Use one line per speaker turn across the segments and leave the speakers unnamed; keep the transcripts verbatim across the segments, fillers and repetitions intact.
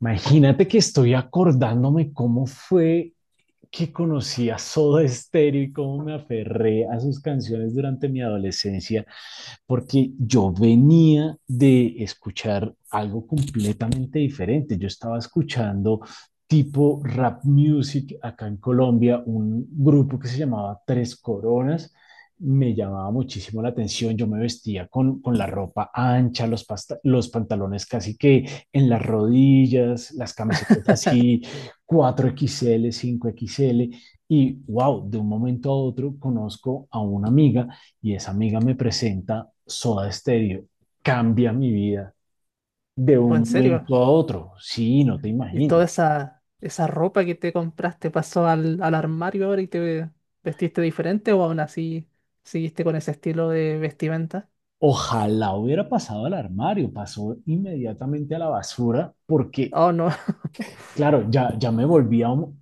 Imagínate que estoy acordándome cómo fue que conocí a Soda Stereo y cómo me aferré a sus canciones durante mi adolescencia, porque yo venía de escuchar algo completamente diferente. Yo estaba escuchando tipo rap music acá en Colombia, un grupo que se llamaba Tres Coronas me llamaba muchísimo la atención. Yo me vestía con, con la ropa ancha, los, pasta- los pantalones casi que en las rodillas, las camisetas así, cuatro X L, cinco X L. Y wow, de un momento a otro conozco a una amiga y esa amiga me presenta Soda Stereo. Cambia mi vida de
O
un
en serio,
momento a otro. Sí, no te
y toda
imaginas.
esa, esa ropa que te compraste pasó al, al armario ahora y te vestiste diferente o aún así seguiste con ese estilo de vestimenta.
Ojalá hubiera pasado al armario, pasó inmediatamente a la basura porque,
Oh, no.
claro, ya, ya me volví a un,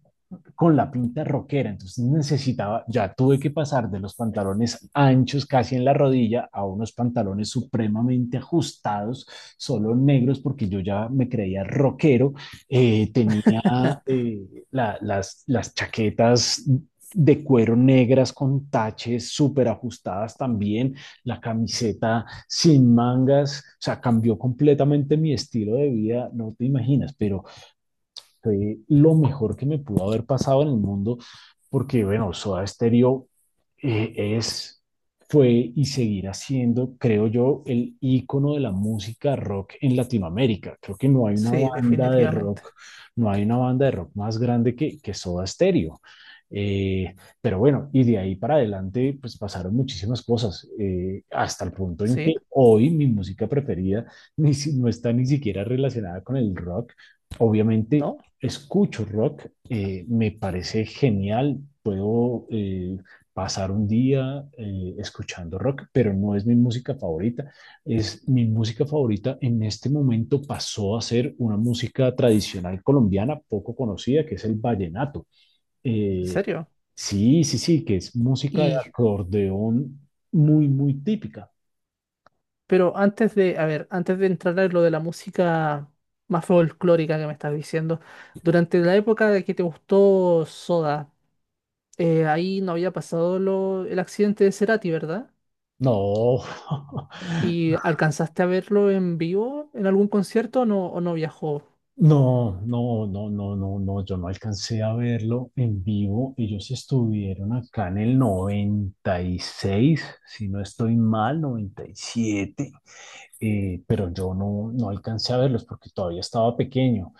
con la pinta rockera, entonces necesitaba, ya tuve que pasar de los pantalones anchos casi en la rodilla a unos pantalones supremamente ajustados, solo negros, porque yo ya me creía rockero. Eh, tenía eh, la- las, las chaquetas de cuero negras con taches súper ajustadas también, la camiseta sin mangas, o sea, cambió completamente mi estilo de vida, no te imaginas, pero fue lo mejor que me pudo haber pasado en el mundo, porque bueno, Soda Stereo eh, es, fue y seguirá siendo, creo yo, el ícono de la música rock en Latinoamérica. Creo que no hay una
Sí,
banda de
definitivamente.
rock, no hay una banda de rock más grande que, que Soda Stereo. Eh, pero bueno, y de ahí para adelante, pues pasaron muchísimas cosas, eh, hasta el punto en
Sí,
que hoy mi música preferida ni si- no está ni siquiera relacionada con el rock. Obviamente,
no,
escucho rock, eh, me parece genial, puedo eh, pasar un día eh, escuchando rock, pero no es mi música favorita. Es mi música favorita en este momento pasó a ser una música tradicional colombiana poco conocida, que es el vallenato.
en
Eh,
serio.
sí, sí, sí, que es música de
Y,
acordeón muy, muy típica.
pero antes de, a ver, antes de entrar en lo de la música más folclórica que me estás diciendo, durante la época de que te gustó Soda, eh, ahí no había pasado lo, el accidente de Cerati, ¿verdad?
No.
¿Y alcanzaste a verlo en vivo en algún concierto o no, o no viajó?
No, no, no, no, no, no, yo no alcancé a verlo en vivo. Ellos estuvieron acá en el noventa y seis, si no estoy mal, noventa y siete. Eh, pero yo no, no alcancé a verlos porque todavía estaba pequeño.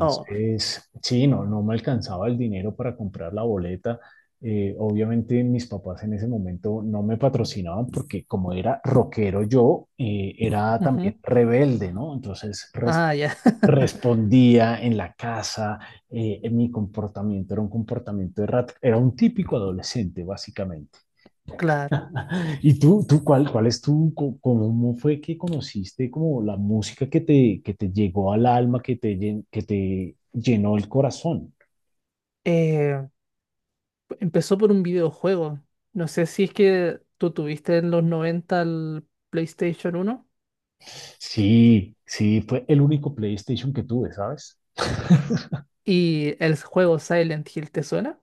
Oh,
sí, no, no me alcanzaba el dinero para comprar la boleta. Eh, obviamente mis papás en ese momento no me patrocinaban porque como era rockero yo, eh, era
ujú.
también rebelde, ¿no? Entonces res-
Ah, ya,
respondía en la casa. Eh, en mi comportamiento era un comportamiento de rat, era un típico adolescente básicamente.
claro.
¿Y tú, tú cuál, cuál es tu, co- cómo fue que conociste como la música que te, que te llegó al alma, que te, llen- que te llenó el corazón?
Eh, Empezó por un videojuego. No sé si es que tú tuviste en los noventa el PlayStation uno
Sí, sí, fue el único PlayStation que tuve, ¿sabes?
y el juego Silent Hill, ¿te suena?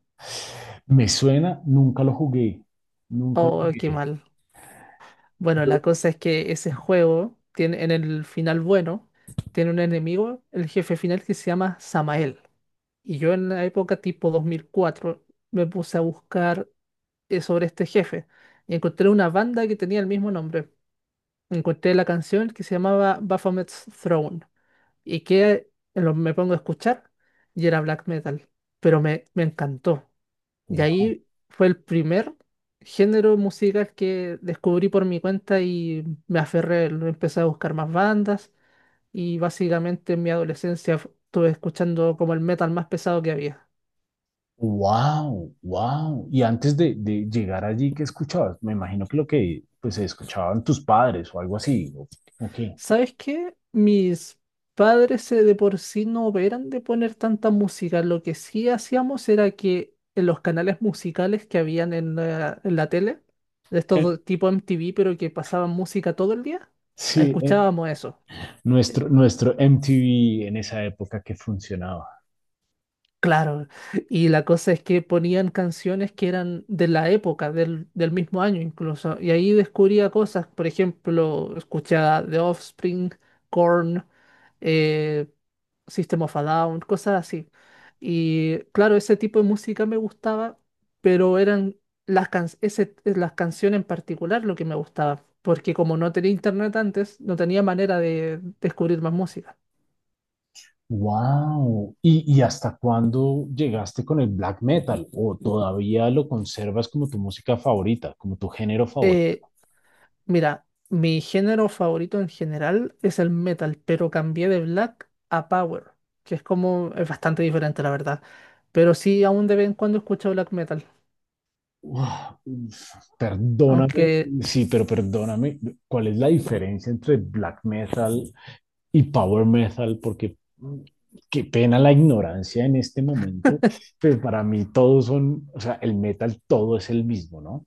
Me suena, nunca lo jugué, nunca lo
Oh, qué
jugué.
mal. Bueno, la cosa es que ese juego tiene en el final bueno, tiene un enemigo, el jefe final que se llama Samael. Y yo en la época tipo dos mil cuatro me puse a buscar eh, sobre este jefe y encontré una banda que tenía el mismo nombre. Encontré la canción que se llamaba Baphomet's Throne y que eh, lo- me pongo a escuchar y era black metal, pero me, me encantó. Y ahí fue el primer género musical que descubrí por mi cuenta y me aferré, lo empecé a buscar más bandas y básicamente en mi adolescencia f- estuve escuchando como el metal más pesado que había.
Wow, wow. Y antes de, de llegar allí, ¿qué escuchabas? Me imagino que lo que pues escuchaban tus padres o algo así. ¿O, o qué?
¿Sabes qué? Mis padres eh, de por sí no eran de poner tanta música. Lo que sí hacíamos era que en los canales musicales que habían en la, en la tele, de estos
Eh,
do- tipo M T V, pero que pasaban música todo el día,
sí, eh,
escuchábamos eso.
nuestro, nuestro M T V en esa época que funcionaba.
Claro, y la cosa es que ponían canciones que eran de la época, del, del mismo año incluso, y ahí descubría cosas, por ejemplo, escuchaba The Offspring, Korn, eh, System of a Down, cosas así. Y claro, ese tipo de música me gustaba, pero eran las, can- ese- las canciones en particular lo que me gustaba, porque como no tenía internet antes, no tenía manera de descubrir más música.
Wow. ¿Y, y hasta cuándo llegaste con el black metal? ¿O todavía lo conservas como tu música favorita, como tu género favorito?
Eh, Mira, mi género favorito en general es el metal, pero cambié de black a power, que es como, es bastante diferente, la verdad. Pero sí, aún de vez en cuando escucho black metal.
Uf, uf. Perdóname,
Aunque,
sí, pero perdóname, ¿cuál es la diferencia entre black metal y power metal? Porque mm, qué pena la ignorancia en este momento, pero para mí todos son, o sea, el metal todo es el mismo, ¿no?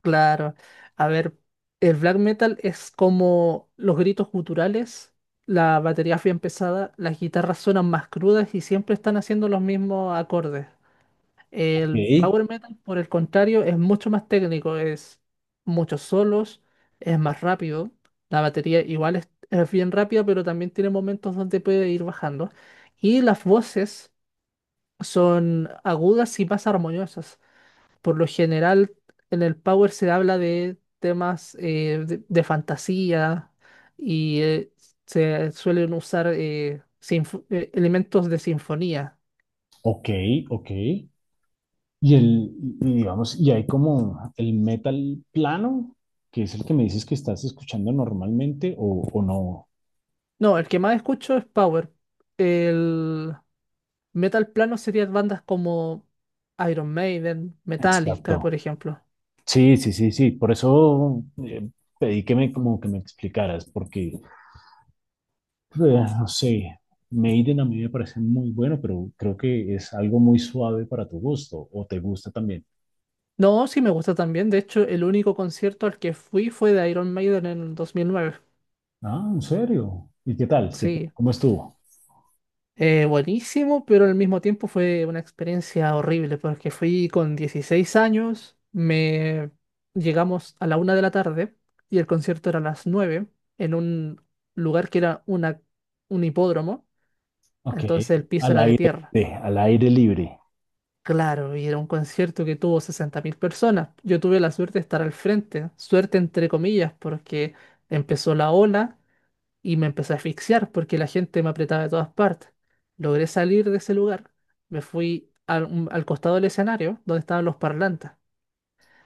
claro, a ver, el black metal es como los gritos guturales, la batería es bien pesada, las guitarras suenan más crudas y siempre están haciendo los mismos acordes.
Ok.
El power metal, por el contrario, es mucho más técnico, es muchos solos, es más rápido. La batería igual es, es bien rápida, pero también tiene momentos donde puede ir bajando. Y las voces son agudas y más armoniosas. Por lo general, en el power se habla de temas eh, de, de fantasía y eh, se suelen usar eh, sinfo- eh, elementos de sinfonía.
Ok, ok. Y el, y digamos, y hay como el metal plano, que es el que me dices que estás escuchando normalmente o, o no.
No, el que más escucho es power. El, Metal plano serían bandas como Iron Maiden, Metallica, por
Exacto.
ejemplo.
Sí, sí, sí, sí. Por eso eh, pedí que me como que me explicaras, porque eh, no sé, Maiden a mí me parece muy bueno, pero creo que es algo muy suave para tu gusto, o te gusta también.
No, sí me gusta también. De hecho, el único concierto al que fui fue de Iron Maiden en el dos mil nueve.
Ah, ¿en serio? ¿Y qué tal? ¿Qué tal?
Sí,
¿Cómo estuvo?
Eh, buenísimo, pero al mismo tiempo fue una experiencia horrible porque fui con dieciséis años, me llegamos a la una de la tarde y el concierto era a las nueve en un lugar que era una, un hipódromo,
Ok,
entonces el piso
al
era de
aire,
tierra.
libre, al aire libre.
Claro, y era un concierto que tuvo sesenta mil personas. Yo tuve la suerte de estar al frente, suerte entre comillas, porque empezó la ola y me empecé a asfixiar porque la gente me apretaba de todas partes. Logré salir de ese lugar, me fui al, un- al costado del escenario donde estaban los parlantes.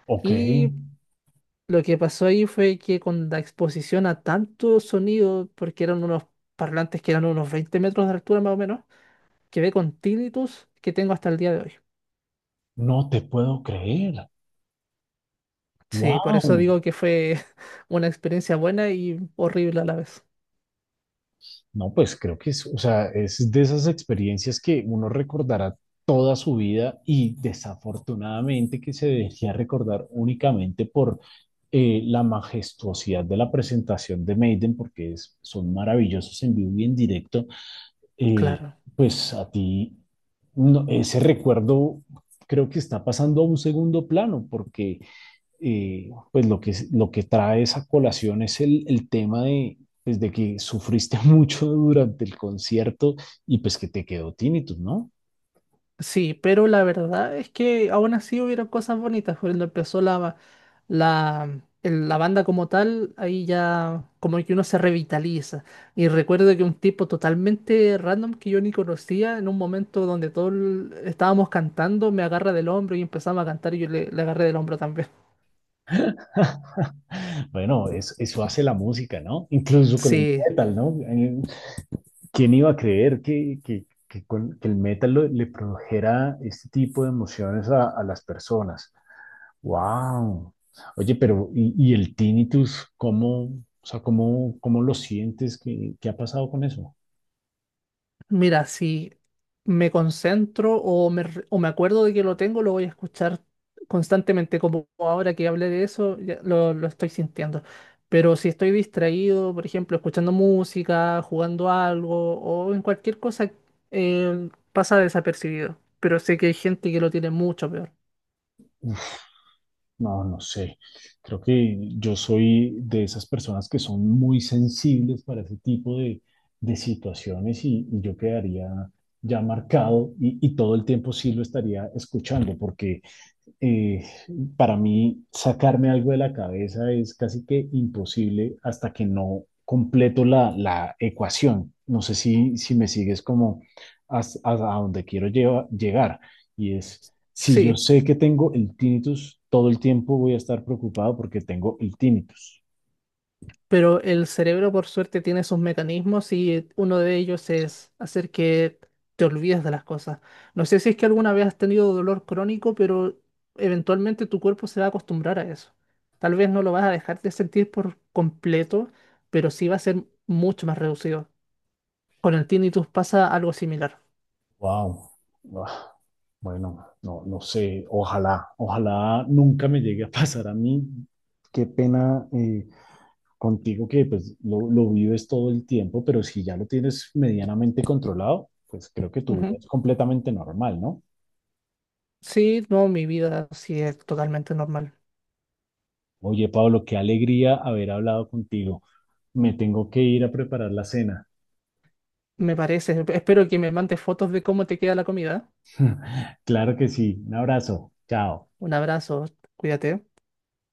Ok,
Y lo que pasó ahí fue que con la exposición a tanto sonido, porque eran unos parlantes que eran unos veinte metros de altura más o menos, quedé con tinnitus que tengo hasta el día de hoy.
no te puedo creer.
Sí, por eso
Wow.
digo que fue una experiencia buena y horrible a la vez.
No, pues creo que es, o sea, es de esas experiencias que uno recordará toda su vida y desafortunadamente que se debería recordar únicamente por eh, la majestuosidad de la presentación de Maiden, porque es- son maravillosos en vivo y en directo. Eh,
Claro.
pues a ti no- ese recuerdo creo que está pasando a un segundo plano, porque eh, pues lo que, lo que trae esa colación es el, el tema de, pues de que sufriste mucho durante el concierto y pues que te quedó tinnitus, ¿no?
Sí, pero la verdad es que aún así hubieron cosas bonitas. Cuando empezó la, la, el- la banda como tal, ahí ya como que uno se revitaliza. Y recuerdo que un tipo totalmente random que yo ni conocía, en un momento donde todos estábamos cantando, me agarra del hombro y empezamos a cantar y yo le, le agarré del hombro también.
Bueno, es- eso hace la música, ¿no? Incluso con el
Sí,
metal, ¿no? Eh, ¿Quién iba a creer que, que, que con, que el metal lo- le produjera este tipo de emociones a, a las personas? ¡Wow! Oye, pero ¿y, y el tinnitus, cómo, o sea, cómo, cómo lo sientes? ¿Qué, qué ha pasado con eso?
mira, si me concentro o me, re- o me acuerdo de que lo tengo, lo voy a escuchar constantemente, como ahora que hablé de eso, ya lo, lo estoy sintiendo. Pero si estoy distraído, por ejemplo, escuchando música, jugando algo o en cualquier cosa, eh, pasa desapercibido. Pero sé que hay gente que lo tiene mucho peor.
No, no sé. Creo que yo soy de esas personas que son muy sensibles para ese tipo de, de situaciones y, y yo quedaría ya marcado y, y todo el tiempo sí lo estaría escuchando porque eh, para mí sacarme algo de la cabeza es casi que imposible hasta que no completo la, la ecuación. No sé si, si me sigues como hasta, hasta donde quiero lleva- llegar. Y es, si yo
Sí.
sé que tengo el tinnitus, todo el tiempo voy a estar preocupado porque tengo el tinnitus.
Pero el cerebro, por suerte, tiene sus mecanismos y uno de ellos es hacer que te olvides de las cosas. No sé si es que alguna vez has tenido dolor crónico, pero eventualmente tu cuerpo se va a acostumbrar a eso. Tal vez no lo vas a dejar de sentir por completo, pero sí va a ser mucho más reducido. Con el tinnitus pasa algo similar.
Wow. Bueno, no, no sé, ojalá, ojalá nunca me llegue a pasar a mí. Qué pena. Eh, contigo que pues lo, lo vives todo el tiempo, pero si ya lo tienes medianamente controlado, pues creo que tu vida
Ujú.
es completamente normal, ¿no?
Sí, no, mi vida sí es totalmente normal.
Oye, Pablo, qué alegría haber hablado contigo. Me tengo que ir a preparar la cena.
Me parece. Espero que me mandes fotos de cómo te queda la comida.
Claro que sí. Un abrazo. Chao.
Un abrazo, cuídate.